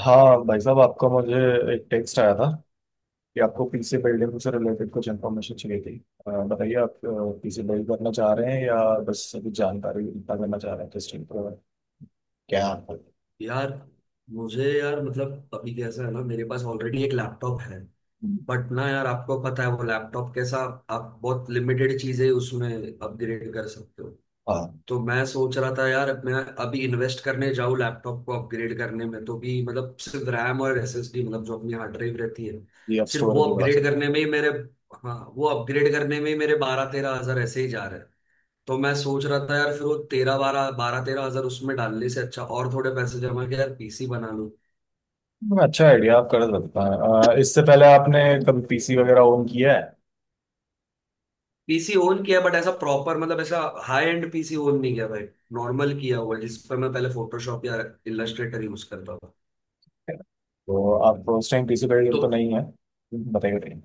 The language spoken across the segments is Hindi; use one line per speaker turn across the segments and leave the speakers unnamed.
हाँ भाई साहब आपका मुझे एक टेक्स्ट आया था कि आपको पीसी बिल्डिंग से रिलेटेड कुछ इन्फॉर्मेशन चाहिए थी। बताइए, आप पीसी बिल्ड करना चाह रहे हैं या बस अभी जानकारी इकट्ठा करना चाह रहे हैं, टेस्टिंग पर क्या है आपका?
यार मुझे यार मतलब अभी कैसा है ना, मेरे पास ऑलरेडी एक लैपटॉप है। बट ना यार, आपको पता है वो लैपटॉप कैसा। आप बहुत लिमिटेड चीजें उसमें अपग्रेड कर सकते हो।
हाँ,
तो मैं सोच रहा था यार, मैं अभी इन्वेस्ट करने जाऊँ लैपटॉप को अपग्रेड करने में, तो भी मतलब सिर्फ रैम और एसएसडी, मतलब जो अपनी हार्ड ड्राइव रहती है,
ये आप
सिर्फ वो
स्टोरेज बड़ा सा।
अपग्रेड करने में ही मेरे, हाँ वो अपग्रेड करने में ही मेरे 12-13 हजार ऐसे ही जा रहे हैं। तो मैं सोच रहा था यार, फिर वो तेरह बारह बारह तेरह हजार उसमें डालने से अच्छा और थोड़े पैसे जमा के यार पीसी बना लूं।
अच्छा आइडिया, आप कर सकते हैं। इससे पहले आपने कभी पीसी वगैरह ओन किया है?
पीसी ओन किया बट ऐसा प्रॉपर, मतलब ऐसा हाई एंड पीसी ओन नहीं किया भाई। नॉर्मल किया हुआ जिस पर मैं पहले फोटोशॉप या इलस्ट्रेटर यूज करता था।
तो आप उस टाइम पीसी बिल्डर
तो
तो नहीं है, बताइए।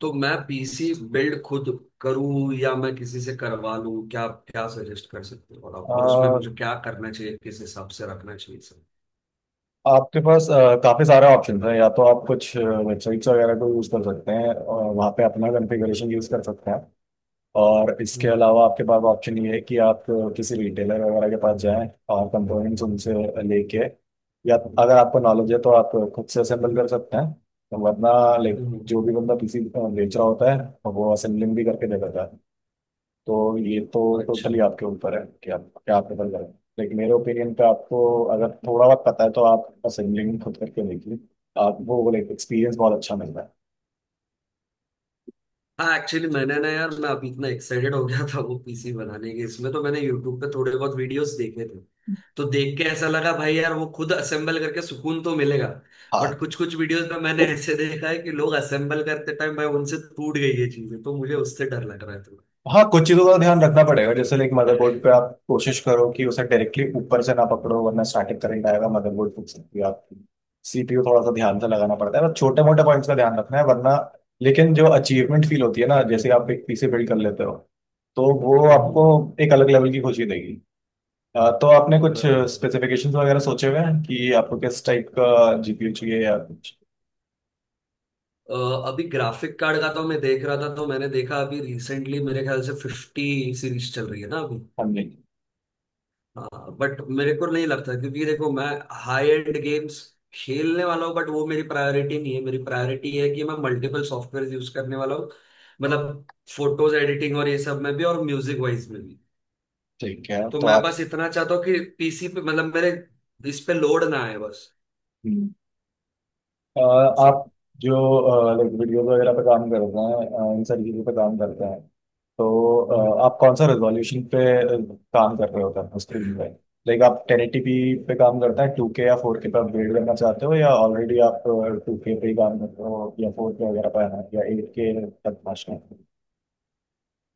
तो मैं पीसी बिल्ड खुद करूं या मैं किसी से करवा लूं, क्या क्या सजेस्ट कर सकते हो आप, और उसमें
बताइए,
मुझे क्या करना चाहिए, किस हिसाब से रखना चाहिए सर।
आपके पास काफी सारे ऑप्शन है। या तो आप कुछ वेबसाइट्स वगैरह को यूज कर सकते हैं और वहाँ पे अपना कॉन्फ़िगरेशन यूज कर सकते हैं। और इसके
हम्म।
अलावा आपके पास ऑप्शन ये है कि आप किसी रिटेलर वगैरह के पास जाएं और कंपोनेंट्स उनसे लेके, या अगर आपको नॉलेज है तो आप खुद से असेंबल कर सकते हैं। वरना लाइक
हम्म,
जो भी बंदा पीसी बेच रहा होता है, वो असेंबलिंग भी करके दे
हम्म।
देता है। तो ये तो
अच्छा।
टोटली आपके ऊपर है कि आप क्या आप प्रेफर करें। लेकिन मेरे ओपिनियन पे आपको, अगर थोड़ा बहुत पता है तो आप असेंबलिंग खुद करके देखिए। आप वो लाइक एक्सपीरियंस बहुत अच्छा मिल रहा है।
हाँ एक्चुअली मैंने ना यार, मैं अभी इतना एक्साइटेड हो गया था वो पीसी बनाने के, इसमें तो मैंने यूट्यूब पे थोड़े बहुत वीडियोस देखे थे। तो देख के ऐसा लगा भाई यार वो खुद असेंबल करके सुकून तो मिलेगा।
हाँ
बट कुछ कुछ वीडियोस में मैंने ऐसे देखा है कि लोग असेंबल करते टाइम भाई उनसे टूट गई ये चीजें, तो मुझे उससे डर लग रहा है थोड़ा।
हाँ, कुछ चीज़ों का ध्यान रखना पड़ेगा, जैसे लाइक मदरबोर्ड पे आप कोशिश करो कि उसे डायरेक्टली ऊपर से ना पकड़ो, वरना स्टैटिक करंट आएगा, मदरबोर्ड फूक सकती है आपकी। सीपीयू थोड़ा सा ध्यान से लगाना पड़ता है, बस छोटे मोटे पॉइंट्स का ध्यान रखना है, वरना। लेकिन जो अचीवमेंट फील होती है ना जैसे आप एक पीसी बिल्ड कर लेते हो, तो वो
हम्म, हम्म,
आपको एक अलग लेवल की खुशी देगी। तो आपने कुछ
बराबर।
स्पेसिफिकेशंस वगैरह सोचे हुए हैं कि आपको किस टाइप का जीपीयू चाहिए या कुछ?
अ, अभी ग्राफिक कार्ड का तो मैं देख रहा था, तो मैंने देखा अभी रिसेंटली मेरे ख्याल से 50 सीरीज चल रही है ना अभी,
हाँ जी।
बट मेरे को नहीं लगता क्योंकि देखो मैं हाई एंड गेम्स खेलने वाला हूँ, बट वो मेरी प्रायोरिटी नहीं है। मेरी प्रायोरिटी है कि मैं मल्टीपल सॉफ्टवेयर यूज करने वाला हूँ, मतलब फोटोज एडिटिंग और ये सब में भी, और म्यूजिक वाइज में भी।
ठीक है,
तो
तो
मैं
आप।
बस इतना चाहता हूँ कि पीसी पे, मतलब मेरे इस पे लोड ना आए बस।
हम्म। अ,
सो
आप जो लाइक वीडियो वगैरह पे काम करते हैं, इन सारी चीज़ों पे काम करते हैं, तो आप कौन सा रेजोल्यूशन पे काम कर रहे होते हैं स्क्रीन पे? लाइक आप टेन एटी पी पे काम करते हैं, टू के या फोर के पे अपग्रेड करना चाहते हो, या ऑलरेडी आप टू के पे ही काम करते हो, या फोर के वगैरह पे हैं, या एट के तक पहुँचना है?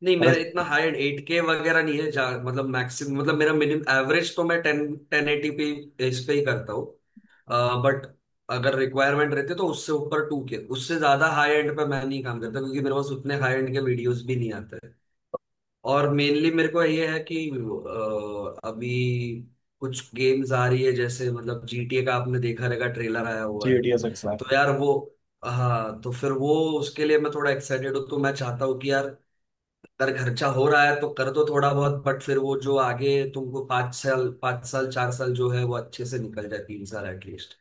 नहीं,
और
मेरा इतना हाई एंड 8K वगैरह नहीं है जहाँ, मतलब मैक्सिमम, मतलब मेरा मिनिमम एवरेज तो मैं टेन टेन एटी पी इस पे ही करता हूँ। बट अगर रिक्वायरमेंट रहती है तो उससे ऊपर 2K, उससे ज्यादा हाई एंड पे मैं नहीं काम करता क्योंकि मेरे पास उतने हाई एंड के वीडियोस भी नहीं आते हैं। और मेनली मेरे को ये है कि अभी कुछ गेम्स आ रही है, जैसे मतलब जीटीए का आपने देखा रहेगा ट्रेलर आया हुआ
जी
है।
डी एस एक्स है।
तो यार वो, हाँ तो फिर वो उसके लिए मैं थोड़ा एक्साइटेड हूँ। तो मैं चाहता हूँ कि यार, अगर खर्चा हो रहा है तो कर दो थोड़ा बहुत, बट फिर वो जो आगे तुमको 5 साल 5 साल 4 साल जो है वो अच्छे से निकल जाए, 3 साल एटलीस्ट।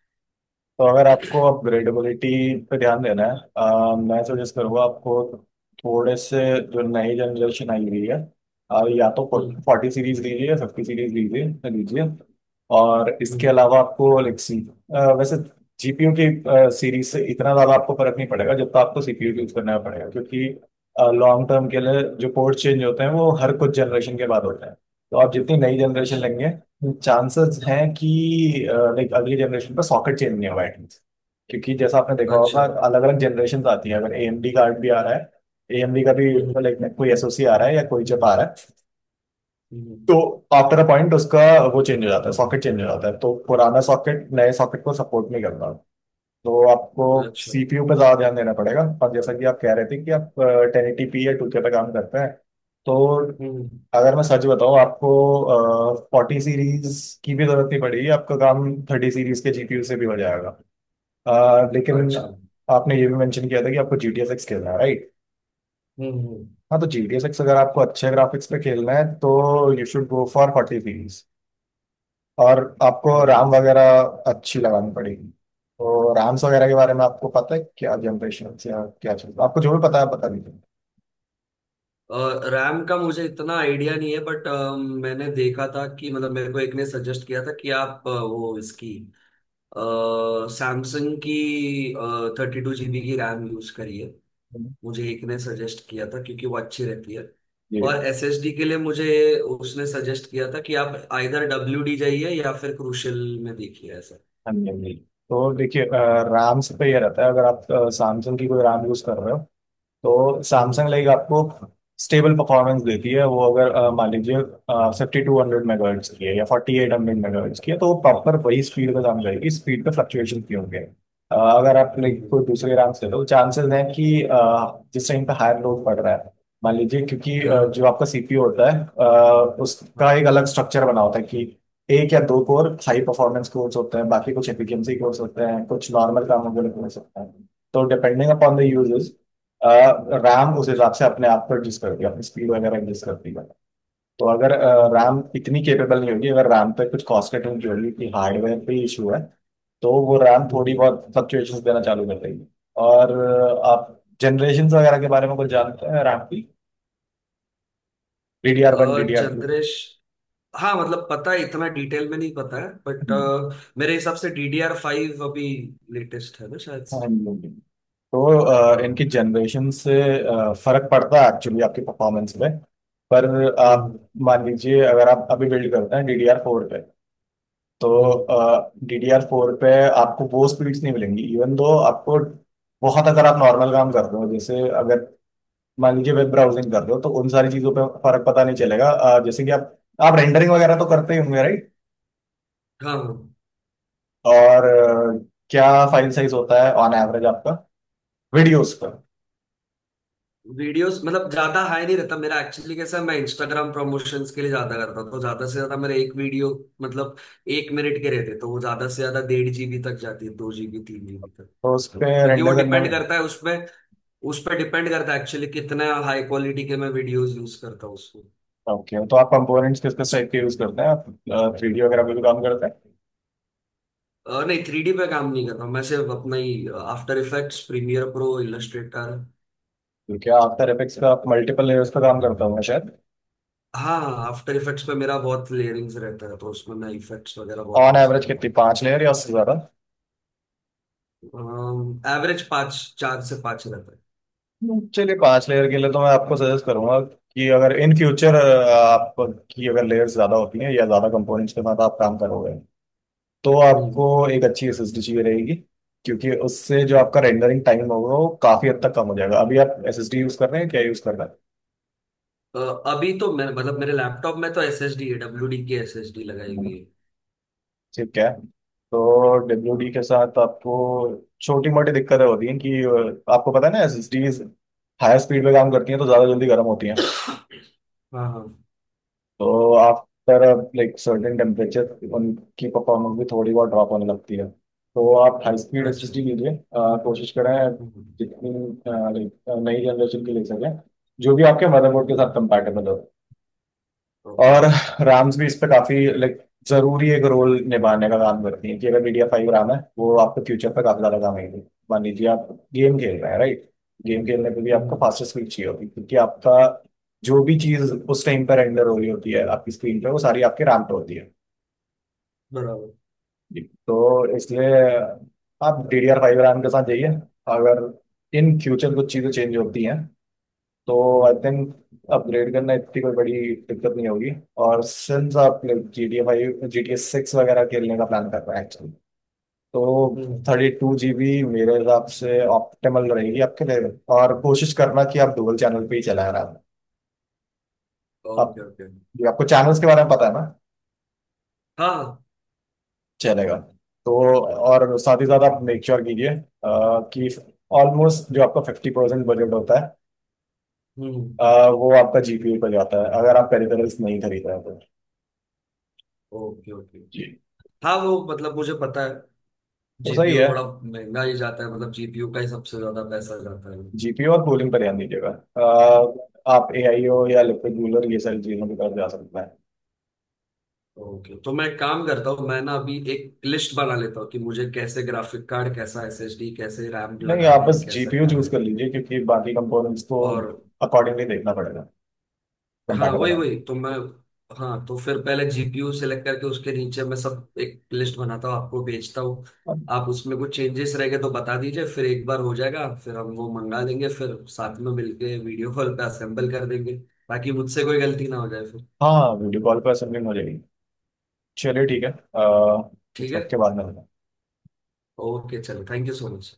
तो अगर आपको अपग्रेडेबिलिटी पे ध्यान देना है, मैं सजेस्ट करूँगा आपको, थोड़े से, जो नई जनरेशन आई हुई है, या तो
हम्म
फोर्टी सीरीज लीजिए या फिफ्टी सीरीज लीजिए लीजिए। और इसके
हम्म।
अलावा आपको लेक्सी, वैसे जीपीयू की सीरीज से इतना ज़्यादा आपको फर्क नहीं पड़ेगा जब तक आपको सीपीयू यूज़ करना पड़ेगा, क्योंकि लॉन्ग टर्म के लिए जो पोर्ट चेंज होते हैं वो हर कुछ जनरेशन के बाद होते हैं। तो आप जितनी नई जनरेशन
अच्छा।
लेंगे, चांसेस हैं कि लाइक अगली जनरेशन पर सॉकेट चेंज नहीं होगा एटलीस्ट। क्योंकि जैसा आपने देखा होगा,
अच्छा।
अलग अलग जनरेशन आती है, अगर एएमडी कार्ड भी आ रहा है, एएमडी का भी
हम्म
लाइक कोई एसओसी आ रहा है या कोई चिप आ रहा है,
हम्म।
तो आफ्टर अ पॉइंट उसका, वो चेंज हो जाता है, सॉकेट चेंज हो जाता है, तो पुराना सॉकेट नए सॉकेट को सपोर्ट नहीं करता। तो आपको
अच्छा।
सीपीयू पे ज़्यादा ध्यान देना पड़ेगा। और जैसा कि आप कह रहे थे कि आप टेन एटी पी या 2K पे काम करते हैं, तो
हम्म।
अगर मैं सच बताऊं आपको, फोर्टी सीरीज की भी ज़रूरत नहीं पड़ेगी, आपका काम थर्टी सीरीज के जीपीयू से भी हो जाएगा। लेकिन
अच्छा।
आपने ये भी मेंशन किया था कि आपको जी टी एस एक्स खेलना है, राइट?
हम्म।
हाँ, तो जी टी एस एक्स अगर आपको अच्छे ग्राफिक्स पे खेलना है तो you should go for forty series. और आपको
14
राम
से।
वगैरह अच्छी लगानी पड़ेगी। तो राम्स वगैरह के बारे में आपको पता है क्या जनरेशन या क्या चलता है? आपको जो भी पता है आप बता दीजिए।
रैम का मुझे इतना आइडिया नहीं है बट मैंने देखा था कि, मतलब मेरे को एक ने सजेस्ट किया था कि आप वो इसकी सैमसंग की 32 जीबी की रैम यूज करिए, मुझे एक ने सजेस्ट किया था क्योंकि वो अच्छी रहती है।
ये,
और एसएसडी के लिए मुझे उसने सजेस्ट किया था कि आप आइदर डब्ल्यूडी जाइए या फिर क्रूशल में देखिए ऐसा।
हाँ जी, हाँ जी, तो देखिए राम्स पे ये रहता है। अगर आप Samsung की कोई राम यूज़ कर रहे हो, तो
हम्म
सैमसंग लाइक आपको स्टेबल परफॉर्मेंस देती है। वो अगर मान लीजिए फिफ्टी टू हंड्रेड मेगाहर्ट्ज की है या फोर्टी एट हंड्रेड मेगाहर्ट्ज की है, तो वो प्रॉपर वही स्पीड पे काम करेगी। स्पीड पे फ्लक्चुएशन भी होंगे अगर आप लाइक
हम्म।
कोई दूसरे रैम से, तो चांसेस हैं कि जिस टाइम पे हायर लोड पड़ रहा है, मान लीजिए, क्योंकि
हाँ
जो आपका सीपीयू होता है, उसका
हाँ।
एक अलग स्ट्रक्चर बना होता है कि एक या दो कोर हाई परफॉर्मेंस कोर्स होते हैं, बाकी कुछ एफिशिएंसी कोर्स होते हैं, कुछ नॉर्मल कामों के लिए कोर्स होते हैं, तो डिपेंडिंग अपॉन द
हम्म।
यूजर्स, रैम उस
अच्छा।
हिसाब से अपने आप को एडजस्ट करती है, अपनी स्पीड वगैरह एडजस्ट करती है। तो अगर
हम्म
रैम इतनी केपेबल नहीं होगी, अगर रैम पे कुछ कॉस्ट कटिंग की होगी कि हार्डवेयर पे इशू है, तो वो रैम थोड़ी
हम्म।
बहुत फ्लक्चुएशन देना चालू कर देगी। और आप जनरेशन वगैरह के बारे में कुछ जानते हैं रैम की? D D R one, D D R two?
Generation हाँ मतलब पता है, इतना डिटेल में नहीं पता है बट मेरे हिसाब से DDR5 अभी लेटेस्ट है ना शायद
हाँ
से।
जी, तो इनकी
हाँ।
जनरेशन से फर्क पड़ता है एक्चुअली आपकी परफॉर्मेंस पे। पर आप
हम्म।
मान लीजिए अगर आप अभी बिल्ड करते हैं डी डी आर फोर पे, तो
हम्म।
डीडीआर फोर पे आपको वो स्पीड्स नहीं मिलेंगी। इवन दो आपको बहुत, अगर आप नॉर्मल काम कर रहे हो, जैसे अगर मान लीजिए वेब ब्राउजिंग कर रहे हो, तो उन सारी चीजों पे फर्क पता नहीं चलेगा। जैसे कि आप रेंडरिंग वगैरह तो करते ही होंगे, राइट?
हाँ।
और क्या फाइल साइज होता है ऑन एवरेज आपका वीडियोस का?
वीडियोस मतलब ज्यादा हाई नहीं रहता मेरा, एक्चुअली कैसा है, मैं इंस्टाग्राम प्रमोशंस के लिए ज्यादा करता हूं, तो ज्यादा से ज्यादा मेरे एक वीडियो, मतलब 1 मिनट के रहते तो वो ज्यादा से ज्यादा 1.5 जीबी तक जाती है, 2 जीबी 3 जीबी तक,
तो उस पे
क्योंकि वो
रेंडर करने
डिपेंड
में,
करता है उसमें, उस पर डिपेंड करता है एक्चुअली कितना हाई क्वालिटी के मैं वीडियोस यूज करता हूँ उसको।
ओके, तो आप कंपोनेंट्स किस किस टाइप के यूज करते हैं? आप थ्री डी वगैरह पे भी काम करते हैं?
नहीं थ्री डी पे काम नहीं करता हूं, मैं सिर्फ अपना ही After Effects Premiere Pro Illustrator.
क्योंकि आफ्टर इफेक्ट्स पे आप मल्टीपल लेयर्स पे काम करते होंगे शायद।
हाँ। आफ्टर इफेक्ट्स पे मेरा बहुत लेयरिंग्स रहता है, तो उसमें मैं इफेक्ट्स वगैरह बहुत
ऑन
यूज
एवरेज
करता
कितनी,
हूँ।
पांच लेयर या उससे ज्यादा?
एवरेज 5, 4 से 5 रहता है।
चलिए, पांच लेयर के लिए तो मैं आपको सजेस्ट करूंगा कि अगर इन फ्यूचर आपकी अगर लेयर्स ज्यादा होती हैं या ज्यादा कंपोनेंट्स के साथ आप काम करोगे, तो आपको
हम्म।
एक अच्छी एसएसडी चाहिए रहेगी। क्योंकि उससे जो आपका
Okay.
रेंडरिंग टाइम होगा वो काफी हद तक कम हो जाएगा। अभी आप एसएसडी यूज कर रहे हैं? क्या यूज कर रहे
अ, अभी तो मैं मतलब मेरे लैपटॉप में तो एस एस डी है, डब्ल्यू डी की एस एस डी लगाई हुई
हैं?
है।
ठीक है, तो डब्ल्यू डी
हाँ
के साथ आपको छोटी मोटी दिक्कतें होती हैं कि आपको पता है ना एसएसडीज हायर स्पीड पे काम करती हैं तो ज्यादा जल्दी गर्म होती हैं।
हाँ। हाँ।
तो आफ्टर लाइक सर्टेन टेम्परेचर उनकी परफॉर्मेंस भी थोड़ी बहुत ड्रॉप होने लगती है। तो आप हाई स्पीड
अच्छा।
एसएसडी लीजिए। कोशिश करें
हम्म
जितनी लाइक नई जनरेशन की ले सकें, जो भी आपके मदरबोर्ड के साथ
हम्म।
कंपैटिबल हो।
ओके।
और राम्स भी इस पे काफी लाइक जरूरी एक रोल निभाने का काम करती है, कि अगर मीडिया फाइव राम है, वो आपके फ्यूचर पे काफी ज्यादा काम आएगी। मान लीजिए आप गेम खेल रहे हैं, राइट? गेम खेलने पे भी आपको
हम्म,
फास्टेस्ट स्पीड चाहिए होगी, क्योंकि आपका जो भी चीज उस टाइम पर रेंडर हो रही होती है आपकी स्क्रीन पे, वो सारी आपके राम पे होती है।
बराबर।
जी, तो इसलिए आप D D R five RAM के साथ जाइए। अगर इन फ्यूचर कुछ चीज़ें चेंज होती हैं, तो आई
हम्म
थिंक अपग्रेड करना इतनी कोई बड़ी दिक्कत नहीं होगी। और सिंस आप G T A five, G T A six वगैरह खेलने का प्लान कर रहे हैं एक्चुअली, तो
हम्म।
थर्टी टू जी बी मेरे हिसाब से ऑप्टिमल रहेगी आपके लिए। और कोशिश करना कि आप डुअल चैनल पे ही चला रहा। आप
ओके ओके।
जी, आपको चैनल्स के बारे में पता है ना?
हाँ।
चलेगा। तो और साथ ही साथ आप मेक श्योर कीजिए कि ऑलमोस्ट जो आपका फिफ्टी परसेंट बजट होता है,
हम्म।
वो आपका जीपीयू पर जाता है, अगर आप पेरिफेरल्स नहीं खरीद रहे हो तो।
Okay okay.
जी,
हाँ वो मतलब मुझे पता है।
तो सही
जीपीयू
है।
थोड़ा महंगा ही जाता है, मतलब जीपीयू का ही सबसे ज्यादा पैसा जाता है।
जीपीयू और कूलिंग पर ध्यान दीजिएगा। आप एआई हो या लिक्विड कूलर, ये सारी चीजों की तरफ जा सकता है।
ओके तो मैं काम करता हूँ, मैं ना अभी एक लिस्ट बना लेता हूँ कि मुझे कैसे ग्राफिक कार्ड, कैसा एसएसडी, कैसे रैम
नहीं, आप
लगाने
बस
हैं, कैसा
जीपीयू
क्या
चूज
है,
कर लीजिए, क्योंकि बाकी कंपोनेंट्स को
और
अकॉर्डिंगली देखना पड़ेगा
हाँ
कंपैटिबल
वही
है।
वही तो मैं, हाँ तो फिर पहले जीपीयू सेलेक्ट करके उसके नीचे मैं सब एक लिस्ट बनाता हूँ आपको भेजता हूँ। आप उसमें कुछ चेंजेस रह गए तो बता दीजिए, फिर एक बार हो जाएगा, फिर हम वो मंगा देंगे फिर साथ में मिलके वीडियो कॉल पे असेंबल कर देंगे, ताकि मुझसे कोई गलती ना हो जाए फिर।
हाँ, वीडियो कॉल पर असेंबलिंग हो जाएगी। चलिए ठीक है।
ठीक
कुछ
है।
वक्त के बाद में।
ओके चलो थैंक यू सो मच।